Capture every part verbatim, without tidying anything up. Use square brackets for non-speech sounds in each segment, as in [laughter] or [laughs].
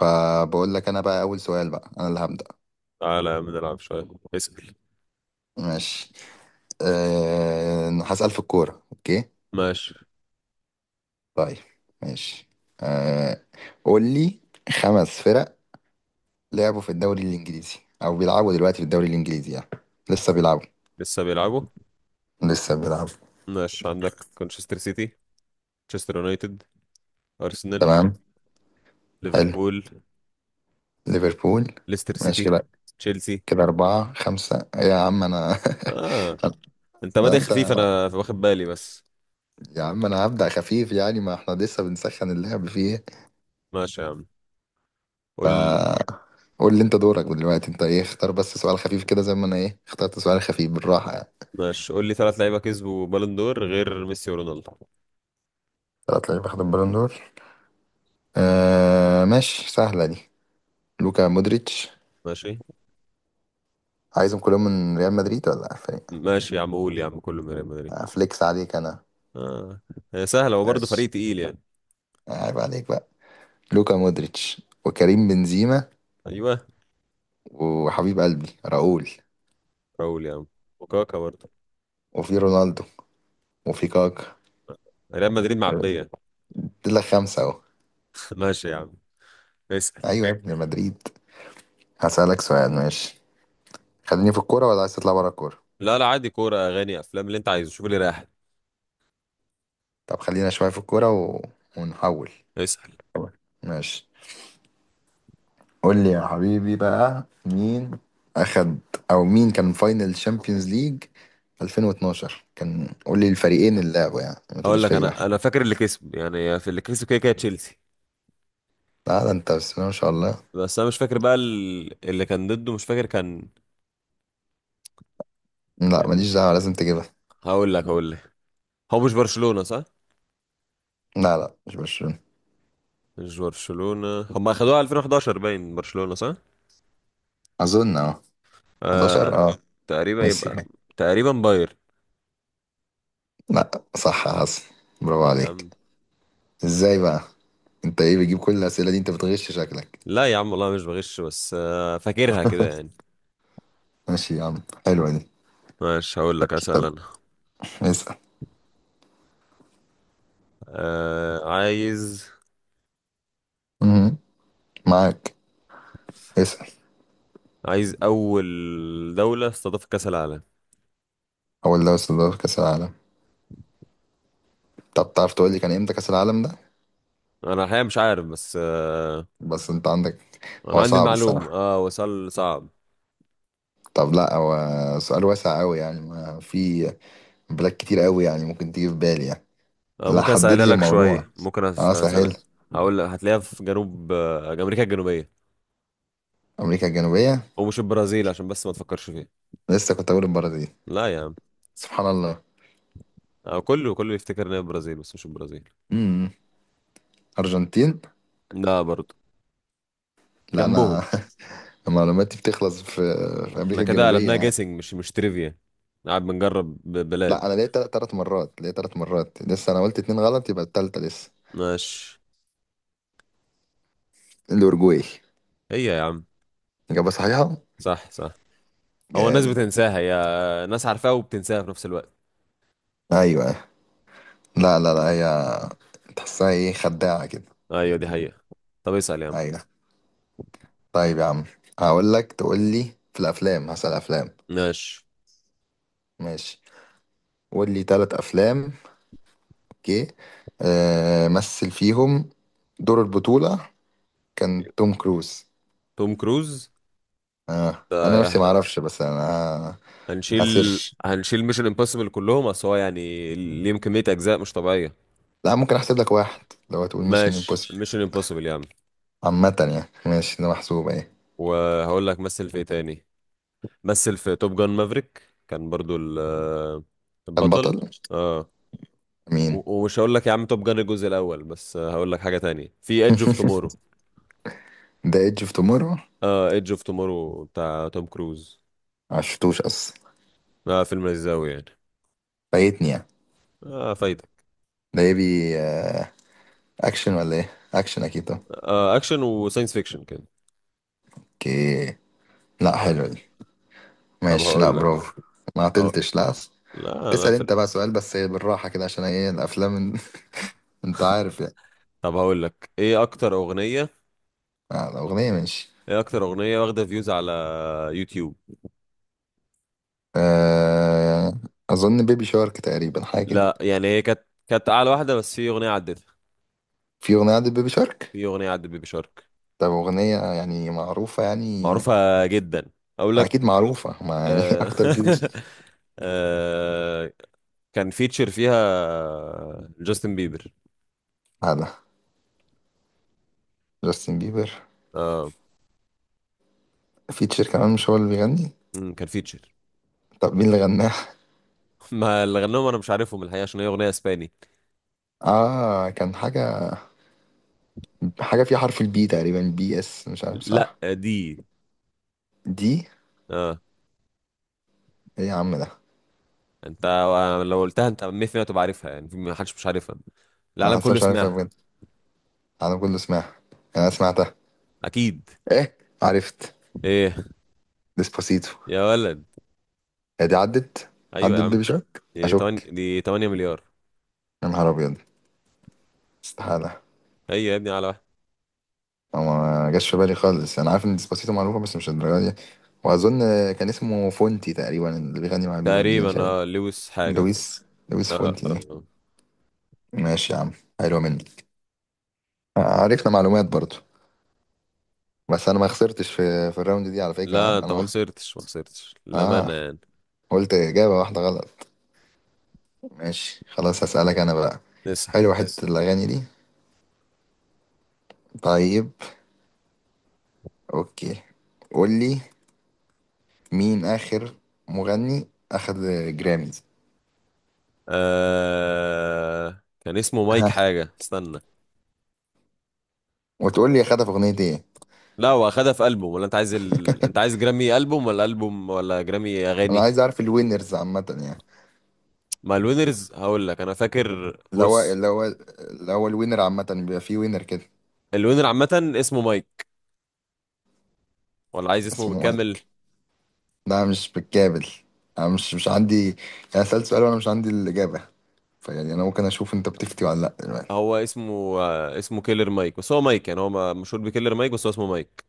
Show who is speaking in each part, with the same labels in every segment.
Speaker 1: فبقول لك انا بقى اول سؤال بقى انا اللي هبدأ.
Speaker 2: تعالى يا عم نلعب شوية. اسأل.
Speaker 1: ماشي. أه... هسأل في الكورة. اوكي.
Speaker 2: ماشي.
Speaker 1: طيب ماشي. أه... قول لي خمس فرق لعبوا في الدوري الانجليزي او بيلعبوا دلوقتي في الدوري الانجليزي يعني. لسه بيلعبوا
Speaker 2: لسه بيلعبوا.
Speaker 1: لسه بيلعبوا
Speaker 2: ماشي، عندك مانشستر سيتي، مانشستر يونايتد، أرسنال،
Speaker 1: تمام. حلو.
Speaker 2: ليفربول،
Speaker 1: ليفربول.
Speaker 2: ليستر
Speaker 1: ماشي
Speaker 2: سيتي،
Speaker 1: كده.
Speaker 2: تشيلسي.
Speaker 1: كده أربعة خمسة إيه يا عم أنا؟
Speaker 2: آه، أنت
Speaker 1: [laughs]
Speaker 2: بادئ
Speaker 1: أنت
Speaker 2: خفيف أنا واخد بالي بس.
Speaker 1: يا عم أنا هبدأ خفيف يعني، ما إحنا لسه بنسخن اللعب فيه.
Speaker 2: ماشي يا عم، قول.
Speaker 1: قول لي انت، دورك دلوقتي انت ايه، اختار بس سؤال خفيف كده زي ما انا ايه اخترت سؤال خفيف بالراحه يعني.
Speaker 2: ماشي، قول لي ثلاث لعيبة كسبوا بالون دور غير ميسي ورونالدو.
Speaker 1: طلعت لعيب اخد البالون دور. آه ماشي، سهله دي. لوكا مودريتش.
Speaker 2: ماشي.
Speaker 1: عايزهم كلهم من ريال مدريد ولا فريق؟
Speaker 2: ماشي يا عم، قول يا عم، كله من ريال مدريد.
Speaker 1: افليكس عليك انا.
Speaker 2: آه، هي سهلة وبرضه
Speaker 1: ماشي.
Speaker 2: فريق تقيل يعني.
Speaker 1: عيب عليك بقى. لوكا مودريتش وكريم بنزيما
Speaker 2: أيوه،
Speaker 1: وحبيب قلبي راؤول
Speaker 2: قول يا عم وكاكا برضه،
Speaker 1: وفي رونالدو وفي كاكا.
Speaker 2: ريال مدريد معبية.
Speaker 1: دي لك خمسه اهو.
Speaker 2: [laughs] ماشي يا عم. اسأل.
Speaker 1: ايوه يا ابن مدريد. هسألك سؤال، ماشي؟ خليني في الكوره ولا عايز تطلع بره الكوره؟
Speaker 2: لا لا، عادي، كورة أغاني أفلام اللي أنت عايزه، شوف اللي رايح.
Speaker 1: طب خلينا شويه في الكوره و... ونحول
Speaker 2: اسأل.
Speaker 1: ماشي. قول لي يا حبيبي بقى، مين اخد او مين كان فاينل شامبيونز ليج ألفين واتناشر؟ كان قول لي الفريقين اللي لعبوا يعني، ما
Speaker 2: أقول
Speaker 1: تقوليش
Speaker 2: لك،
Speaker 1: فريق واحد.
Speaker 2: أنا أنا فاكر اللي كسب، يعني في اللي كسب كده كده تشيلسي.
Speaker 1: لا ده انت بس ما شاء الله.
Speaker 2: بس أنا مش فاكر بقى ال- اللي كان ضده، مش فاكر كان.
Speaker 1: لا
Speaker 2: كان.
Speaker 1: ماليش دعوه، لازم تجيبها.
Speaker 2: هقول لك هقول لك هو مش برشلونة صح؟
Speaker 1: لا لا، مش برشلونه.
Speaker 2: مش برشلونة، هم أخدوها ألفين وحداشر، باين برشلونة صح؟
Speaker 1: اظن اه. احداشر
Speaker 2: آه.
Speaker 1: اه.
Speaker 2: تقريبا
Speaker 1: ميسي.
Speaker 2: يبقى تقريبا باير.
Speaker 1: لا. صح يا حسن، برافو
Speaker 2: أه يا
Speaker 1: عليك.
Speaker 2: عم.
Speaker 1: ازاي بقى؟ انت ايه بتجيب كل الاسئله دي؟ انت بتغش شكلك.
Speaker 2: لا يا عم والله مش بغش، بس آه فاكرها كده يعني.
Speaker 1: ماشي يا عم، حلوه دي.
Speaker 2: ماشي، هقول لك،
Speaker 1: طب
Speaker 2: أسأل أنا.
Speaker 1: اسال.
Speaker 2: آه، عايز
Speaker 1: مهم، معاك. اسال.
Speaker 2: عايز أول دولة استضافت كأس العالم.
Speaker 1: هو اللي وصل دور كاس العالم. طب تعرف تقول لي كان امتى كأس العالم ده؟
Speaker 2: انا الحقيقه مش عارف بس آه،
Speaker 1: بس انت عندك.
Speaker 2: انا
Speaker 1: هو
Speaker 2: عندي
Speaker 1: صعب
Speaker 2: المعلومه،
Speaker 1: الصراحة.
Speaker 2: اه وصل صعب.
Speaker 1: طب لا، هو سؤال واسع قوي يعني، ما في بلاد كتير قوي يعني ممكن تيجي في بالي يعني.
Speaker 2: آه،
Speaker 1: لا
Speaker 2: ممكن
Speaker 1: حدد
Speaker 2: اسالها
Speaker 1: لي
Speaker 2: لك
Speaker 1: الموضوع.
Speaker 2: شويه، ممكن أس-
Speaker 1: اه سهل.
Speaker 2: اسالها. هقول لك هتلاقيها في جنوب آه، امريكا الجنوبيه.
Speaker 1: امريكا الجنوبية.
Speaker 2: ومش البرازيل عشان بس ما تفكرش فيها.
Speaker 1: لسه كنت اقول البرازيل.
Speaker 2: لا يا عم.
Speaker 1: سبحان الله.
Speaker 2: آه، كله كله يفتكر ان هي البرازيل بس مش البرازيل.
Speaker 1: امم ارجنتين.
Speaker 2: لا برضه.
Speaker 1: لا انا.
Speaker 2: جنبهم.
Speaker 1: [laughs] معلوماتي بتخلص في في
Speaker 2: احنا
Speaker 1: امريكا
Speaker 2: كده
Speaker 1: الجنوبية
Speaker 2: قلبناها
Speaker 1: يعني.
Speaker 2: جيسنج، مش مش تريفيا. قاعد بنجرب ب- بلاد.
Speaker 1: لا، انا ليا ثلاث مرات، ليا ثلاث مرات لسه، انا قلت اتنين غلط يبقى التالتة لسه.
Speaker 2: ماشي.
Speaker 1: الاورجواي.
Speaker 2: هي يا عم.
Speaker 1: اجابة صحيحة.
Speaker 2: صح صح. هو الناس
Speaker 1: جامد.
Speaker 2: بتنساها، يا ناس عارفاها وبتنساها في نفس الوقت.
Speaker 1: ايوه. لا لا لا، هي تحسها ايه، خداعة كده.
Speaker 2: ايوه، دي حقيقه. طب اسال يا عم.
Speaker 1: ايوه. طيب يا عم، هقول لك تقول لي في الافلام، هسأل افلام.
Speaker 2: ماشي.
Speaker 1: ماشي. قول لي ثلاث افلام. اوكي. آه، مثل فيهم دور البطولة كان توم كروز.
Speaker 2: توم كروز.
Speaker 1: آه انا نفسي
Speaker 2: ده
Speaker 1: ما اعرفش بس انا
Speaker 2: هنشيل
Speaker 1: هسيرش.
Speaker 2: هنشيل ميشن امبوسيبل كلهم، اصل هو يعني ليهم كمية اجزاء مش طبيعية.
Speaker 1: لا ممكن احسب لك واحد لو هتقول ميشن
Speaker 2: ماشي،
Speaker 1: امبوسيبل.
Speaker 2: ميشن امبوسيبل يا عم.
Speaker 1: عامة يعني. ماشي، ده محسوب اهي.
Speaker 2: وهقول لك مثل في ايه تاني. مثل في توب جان مافريك كان برضو ال- البطل.
Speaker 1: البطل.
Speaker 2: اه.
Speaker 1: مين؟
Speaker 2: و- ومش هقول لك يا عم توب جان الجزء الاول بس، هقول لك حاجة تانية في ايدج اوف تومورو.
Speaker 1: ذا ايدج اوف تومورو.
Speaker 2: اه، ايدج اوف تومورو بتاع توم كروز.
Speaker 1: عشتوش اصلا.
Speaker 2: اه، فيلم لذيذ أوي يعني.
Speaker 1: فايتني يعني.
Speaker 2: اه، فايدة.
Speaker 1: ده يبي اكشن ولا ايه؟ اكشن اكيد طبعا.
Speaker 2: آه، اكشن وساينس فيكشن كده.
Speaker 1: اوكي. لا حلو دي.
Speaker 2: آه. طب
Speaker 1: ماشي، لا
Speaker 2: هقول لك،
Speaker 1: برافو. ما
Speaker 2: هقول-
Speaker 1: عطلتش لا.
Speaker 2: لا انا
Speaker 1: تسأل
Speaker 2: في
Speaker 1: انت بقى سؤال بس إيه، بالراحة كده عشان ايه، الافلام. [laughs] انت عارف يعني.
Speaker 2: طب هقول لك، ايه اكتر اغنيه،
Speaker 1: آه، الاغنية ماشي.
Speaker 2: ايه اكتر اغنيه واخده فيوز على يوتيوب.
Speaker 1: أه... اظن بيبي شارك تقريبا، حاجة كده.
Speaker 2: لا يعني هي كانت، كانت اعلى واحده بس في اغنيه عدتها.
Speaker 1: في اغنية عند بيبي شارك؟
Speaker 2: في اغنيه عدت بيبي شارك.
Speaker 1: طب اغنية يعني معروفة يعني.
Speaker 2: معروفه جدا. اقول لك.
Speaker 1: اكيد معروفة ما يعني [laughs]
Speaker 2: آه.
Speaker 1: اكتر
Speaker 2: [laughs]
Speaker 1: بلوز.
Speaker 2: آه. كان فيتشر فيها جاستن بيبر.
Speaker 1: هذا جاستن بيبر؟
Speaker 2: اه.
Speaker 1: فيتشر كمان مش هو اللي بيغني.
Speaker 2: أمم، كان فيتشر.
Speaker 1: طب مين اللي غناها؟
Speaker 2: [laughs] ما اللي غنوهم انا مش عارفهم الحقيقه، عشان هي اغنيه اسباني.
Speaker 1: اه كان حاجة، حاجة فيها حرف البي تقريبا، بي اس مش عارف
Speaker 2: لا
Speaker 1: صح.
Speaker 2: دي.
Speaker 1: دي.
Speaker 2: اه
Speaker 1: ايه يا عم ده؟
Speaker 2: انت، لو قلتها انت مية في المية هتبقى عارفها يعني، في- محدش مش عارفها.
Speaker 1: انا
Speaker 2: العالم
Speaker 1: حاسس
Speaker 2: كله
Speaker 1: مش عارفها
Speaker 2: سمعها.
Speaker 1: بجد. انا كله سمعها. انا سمعتها.
Speaker 2: اكيد.
Speaker 1: ايه. عرفت.
Speaker 2: ايه.
Speaker 1: ديسباسيتو.
Speaker 2: يا ولد.
Speaker 1: هي دي عدت.
Speaker 2: ايوه يا
Speaker 1: عدت
Speaker 2: عم،
Speaker 1: بيبي شارك؟
Speaker 2: دي ثمانية،
Speaker 1: اشك.
Speaker 2: دي تمانية مليار.
Speaker 1: يا نهار ابيض. استحاله.
Speaker 2: هي يا ابني على واحد.
Speaker 1: أو ما جاش في بالي خالص، انا عارف ان ديسباسيتو معروفه بس مش الدرجه دي. واظن كان اسمه فونتي تقريبا اللي بيغني مع بيبا، دي مش
Speaker 2: تقريبا
Speaker 1: عارف.
Speaker 2: اه لويس حاجه كده.
Speaker 1: لويس. لويس
Speaker 2: اه. آه.
Speaker 1: فونتي إيه؟
Speaker 2: آه.
Speaker 1: ماشي يا عم، حلو منك. آه، عرفنا معلومات برضو. بس انا ما خسرتش في في الراوند دي على فكره، ها؟
Speaker 2: لا انت
Speaker 1: انا
Speaker 2: ما
Speaker 1: قلت
Speaker 2: خسرتش، ما خسرتش
Speaker 1: اه.
Speaker 2: للامانه يعني.
Speaker 1: قلت اجابه واحده غلط. ماشي خلاص، هسألك أنا بقى.
Speaker 2: نسأل.
Speaker 1: حلو حتة، اسأل الأغاني دي. طيب. أوكي. قول لي مين آخر مغني أخد جراميز.
Speaker 2: آه... كان اسمه مايك
Speaker 1: ها.
Speaker 2: حاجه، استنى.
Speaker 1: وتقول لي أخدها في أغنية إيه.
Speaker 2: لا، هو اخدها في البوم ولا انت عايز ال... انت عايز جرامي البوم ولا البوم، ولا جرامي
Speaker 1: أنا
Speaker 2: اغاني.
Speaker 1: عايز أعرف الوينرز عامة يعني.
Speaker 2: ما الوينرز هقول لك انا فاكر،
Speaker 1: اللي هو،
Speaker 2: بص.
Speaker 1: اللي هو، اللي هو الوينر عامة بيبقى فيه وينر كده.
Speaker 2: الوينر عامه اسمه مايك. ولا عايز اسمه
Speaker 1: اسمه
Speaker 2: بالكامل؟
Speaker 1: مايك. ده مش بالكامل. أنا مش مش عندي. يعني سألت سؤال وأنا مش عندي الإجابة، فيعني أنا ممكن أشوف أنت بتفتي ولا لأ دلوقتي.
Speaker 2: هو اسمه آه، اسمه كيلر مايك، بس هو مايك يعني، هو ما- مشهور بكيلر مايك بس هو اسمه مايك.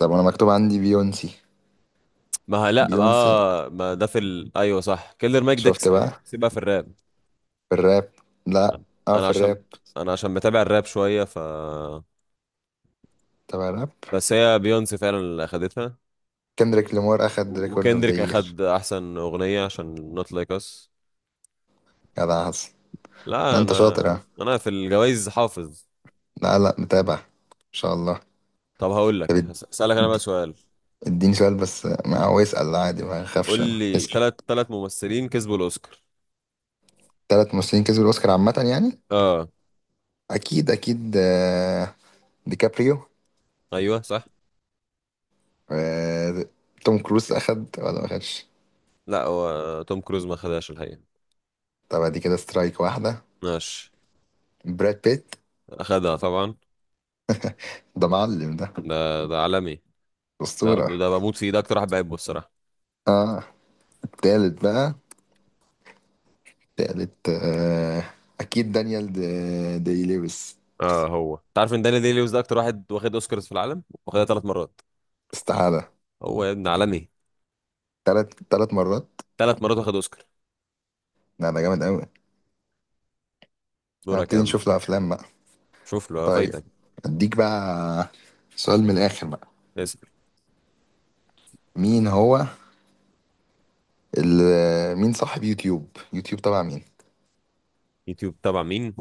Speaker 1: طب أنا مكتوب عندي بيونسي.
Speaker 2: ما ه- لا
Speaker 1: بيونسي.
Speaker 2: اه، ما ده في ال... ايوه صح، كيلر مايك ده
Speaker 1: شفت
Speaker 2: كس-
Speaker 1: بقى.
Speaker 2: سيبها في الراب.
Speaker 1: في الراب. لا اه،
Speaker 2: انا
Speaker 1: في
Speaker 2: عشان
Speaker 1: الراب.
Speaker 2: انا عشان متابع الراب شويه ف.
Speaker 1: تبع الراب.
Speaker 2: بس هي بيونسي فعلا اللي اخدتها.
Speaker 1: كندريك لامار اخد
Speaker 2: و-
Speaker 1: ريكورد اوف ذا
Speaker 2: وكندريك
Speaker 1: يير.
Speaker 2: اخد احسن اغنيه عشان نوت لايك اس.
Speaker 1: جدع حسن. لا
Speaker 2: لا
Speaker 1: انت شاطر
Speaker 2: انا،
Speaker 1: اه.
Speaker 2: انا في الجوائز حافظ.
Speaker 1: لا لا، متابع. ان شاء الله.
Speaker 2: طب هقول
Speaker 1: طب
Speaker 2: لك،
Speaker 1: اد-
Speaker 2: هس- هسألك انا بقى
Speaker 1: اد-
Speaker 2: سؤال.
Speaker 1: اديني سؤال بس، ما هو اسال عادي، ما
Speaker 2: قول
Speaker 1: اخافش انا،
Speaker 2: لي
Speaker 1: اسال.
Speaker 2: ثلاث ثلاث ممثلين كسبوا الاوسكار.
Speaker 1: ثلاث ممثلين كسبوا الاوسكار عامه يعني.
Speaker 2: اه
Speaker 1: اكيد، اكيد آه، ديكابريو.
Speaker 2: ايوه صح.
Speaker 1: آه، توم كروز اخد ولا ما اخدش؟
Speaker 2: لا هو توم كروز ما خدهاش الحقيقه.
Speaker 1: طب دي كده سترايك واحده.
Speaker 2: ماشي.
Speaker 1: براد بيت.
Speaker 2: اخدها طبعا.
Speaker 1: ده معلم ده.
Speaker 2: ده ده عالمي. ده
Speaker 1: اسطوره.
Speaker 2: ده بموت فيه، ده اكتر واحد بحبه الصراحه.
Speaker 1: اه. التالت بقى. تالت آه، أكيد دانيال دي, دي لويس.
Speaker 2: اه، هو انت عارف ان داني دي لويس ده اكتر واحد واخد اوسكارز في العالم، واخدها ثلاث مرات.
Speaker 1: استحالة.
Speaker 2: هو يا ابن عالمي.
Speaker 1: تلات، تلات مرات.
Speaker 2: ثلاث مرات واخد اوسكار.
Speaker 1: لا ده جامد أوي.
Speaker 2: دورك يا
Speaker 1: هبتدي
Speaker 2: عم.
Speaker 1: نشوف له أفلام بقى.
Speaker 2: شوف له
Speaker 1: طيب.
Speaker 2: فايتك.
Speaker 1: أديك بقى سؤال من الآخر بقى.
Speaker 2: اسأل.
Speaker 1: مين هو ال... مين صاحب يوتيوب؟ يوتيوب تبع مين؟
Speaker 2: يوتيوب تبع مين؟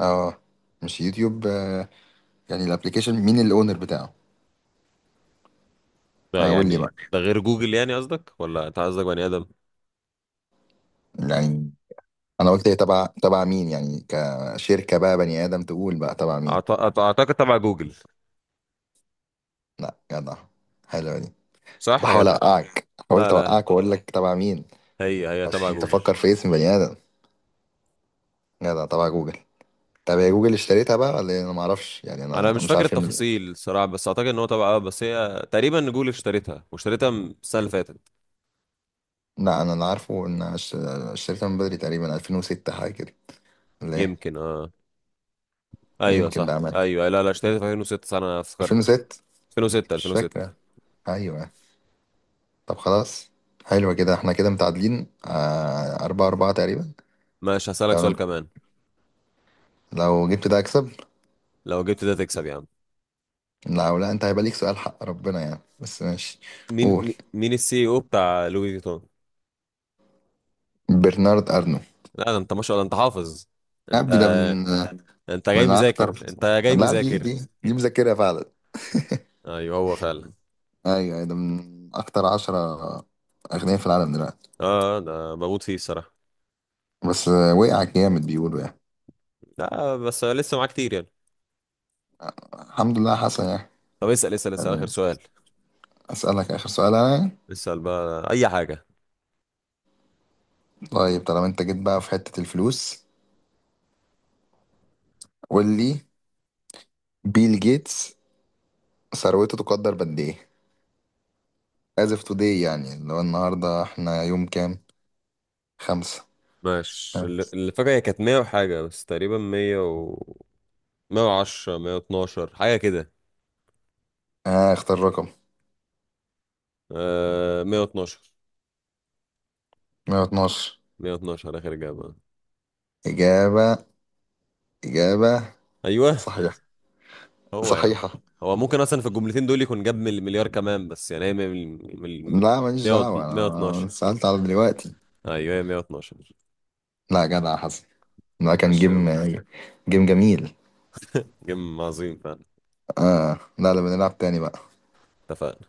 Speaker 1: اه مش يوتيوب آه، يعني الابليكيشن، مين الاونر بتاعه؟
Speaker 2: ده
Speaker 1: آه، قول لي
Speaker 2: يعني
Speaker 1: بقى.
Speaker 2: ده غير جوجل يعني قصدك، ولا انت قصدك بني ادم؟
Speaker 1: يعني انا قلت ايه، تبع تبع مين يعني كشركة بقى، بني آدم تقول بقى تبع مين.
Speaker 2: أعت... أعت- اعتقد تبع جوجل.
Speaker 1: لا جدع، حلو. كنت
Speaker 2: صح يا
Speaker 1: بحاول
Speaker 2: ده.
Speaker 1: اوقعك،
Speaker 2: لا
Speaker 1: حاولت
Speaker 2: لا،
Speaker 1: اوقعك واقول لك تبع مين
Speaker 2: هي هي تبع
Speaker 1: عشان
Speaker 2: جوجل.
Speaker 1: تفكر في اسم بني ادم. جدع، تبع جوجل. طب هي جوجل اشتريتها بقى ولا إيه؟ انا ما اعرفش يعني،
Speaker 2: انا
Speaker 1: انا
Speaker 2: مش
Speaker 1: مش
Speaker 2: فاكر
Speaker 1: عارف إن...
Speaker 2: التفاصيل الصراحه، بس اعتقد ان هو تبع، اه بس هي تقريبا جوجل اشتريتها، واشتريتها من السنه اللي فاتت.
Speaker 1: لا انا اللي عارفه ان أنا اشت- اشتريتها من بدري، تقريبا ألفين وستة حاجه كده، ولا ايه؟
Speaker 2: يمكن اه. ايوه
Speaker 1: يمكن
Speaker 2: صح،
Speaker 1: بقى مات
Speaker 2: ايوه، لا لا، اشتريت في ألفين وستة صح، انا افتكرت.
Speaker 1: ألفين وستة
Speaker 2: ألفين وستة.
Speaker 1: مش
Speaker 2: ألفين وستة.
Speaker 1: فاكره. ايوه. طب خلاص، حلوه كده، احنا كده متعادلين آه... أربعة أربعة تقريبا.
Speaker 2: ماشي، هسألك
Speaker 1: لو
Speaker 2: سؤال
Speaker 1: أنا...
Speaker 2: كمان.
Speaker 1: لو جبت ده اكسب.
Speaker 2: لو جبت ده تكسب يا عم.
Speaker 1: لو لا انت هيبقى ليك سؤال حق ربنا يعني، بس ماشي.
Speaker 2: مين
Speaker 1: قول.
Speaker 2: مي- مين السي او بتاع لوي فيتون؟
Speaker 1: برنارد ارنو.
Speaker 2: لا ده انت ما شاء الله انت حافظ.
Speaker 1: يا
Speaker 2: انت.
Speaker 1: ابني ده من
Speaker 2: انت جاي
Speaker 1: من
Speaker 2: مذاكر،
Speaker 1: اكتر.
Speaker 2: انت جاي
Speaker 1: لا دي
Speaker 2: مذاكر.
Speaker 1: دي دي مذاكرها فعلا.
Speaker 2: ايوه هو فعلا.
Speaker 1: ايوه أيوة، ده من اكتر عشرة اغنياء في العالم دلوقتي.
Speaker 2: اه، انا بموت فيه الصراحه.
Speaker 1: بس وقع جامد بيقولوا يعني.
Speaker 2: لا بس لسه معاه كتير يعني.
Speaker 1: الحمد لله حسن يعني.
Speaker 2: طب اسأل اسأل اسأل اخر
Speaker 1: خليني
Speaker 2: سؤال.
Speaker 1: اسالك اخر سؤال انا.
Speaker 2: اسأل بقى اي حاجه.
Speaker 1: طيب، طالما انت جيت بقى في حتة الفلوس، قول لي بيل جيتس ثروته تقدر بقد ايه as of today يعني، اللي هو النهارده احنا يوم كام، خمسة.
Speaker 2: ماشي، اللي اللي فاكر هي كانت مية وحاجه بس، تقريبا مية و مية وعشرة مية واتناشر حاجه كده.
Speaker 1: اه، اختار رقم.
Speaker 2: آه مية واتناشر.
Speaker 1: مية واتناشر.
Speaker 2: مية واتناشر اخر اجابه.
Speaker 1: اجابة، اجابة
Speaker 2: ايوه.
Speaker 1: صحيحة،
Speaker 2: هو يا عم.
Speaker 1: صحيحة
Speaker 2: هو ممكن اصلا في الجملتين دول يكون جاب مل- مليار كمان، بس يعني هي مل- مل- مل-
Speaker 1: لا ماليش دعوة، أنا
Speaker 2: مية واتناشر.
Speaker 1: أنا سألت على دلوقتي.
Speaker 2: ايوه، هي مية واتناشر.
Speaker 1: لا جدع حسن، ده كان
Speaker 2: ماشي يا
Speaker 1: جيم.
Speaker 2: عم.
Speaker 1: جيم جميل.
Speaker 2: جيم عظيم فعلا.
Speaker 1: آه لا لا، بنلعب تاني بقى.
Speaker 2: اتفقنا.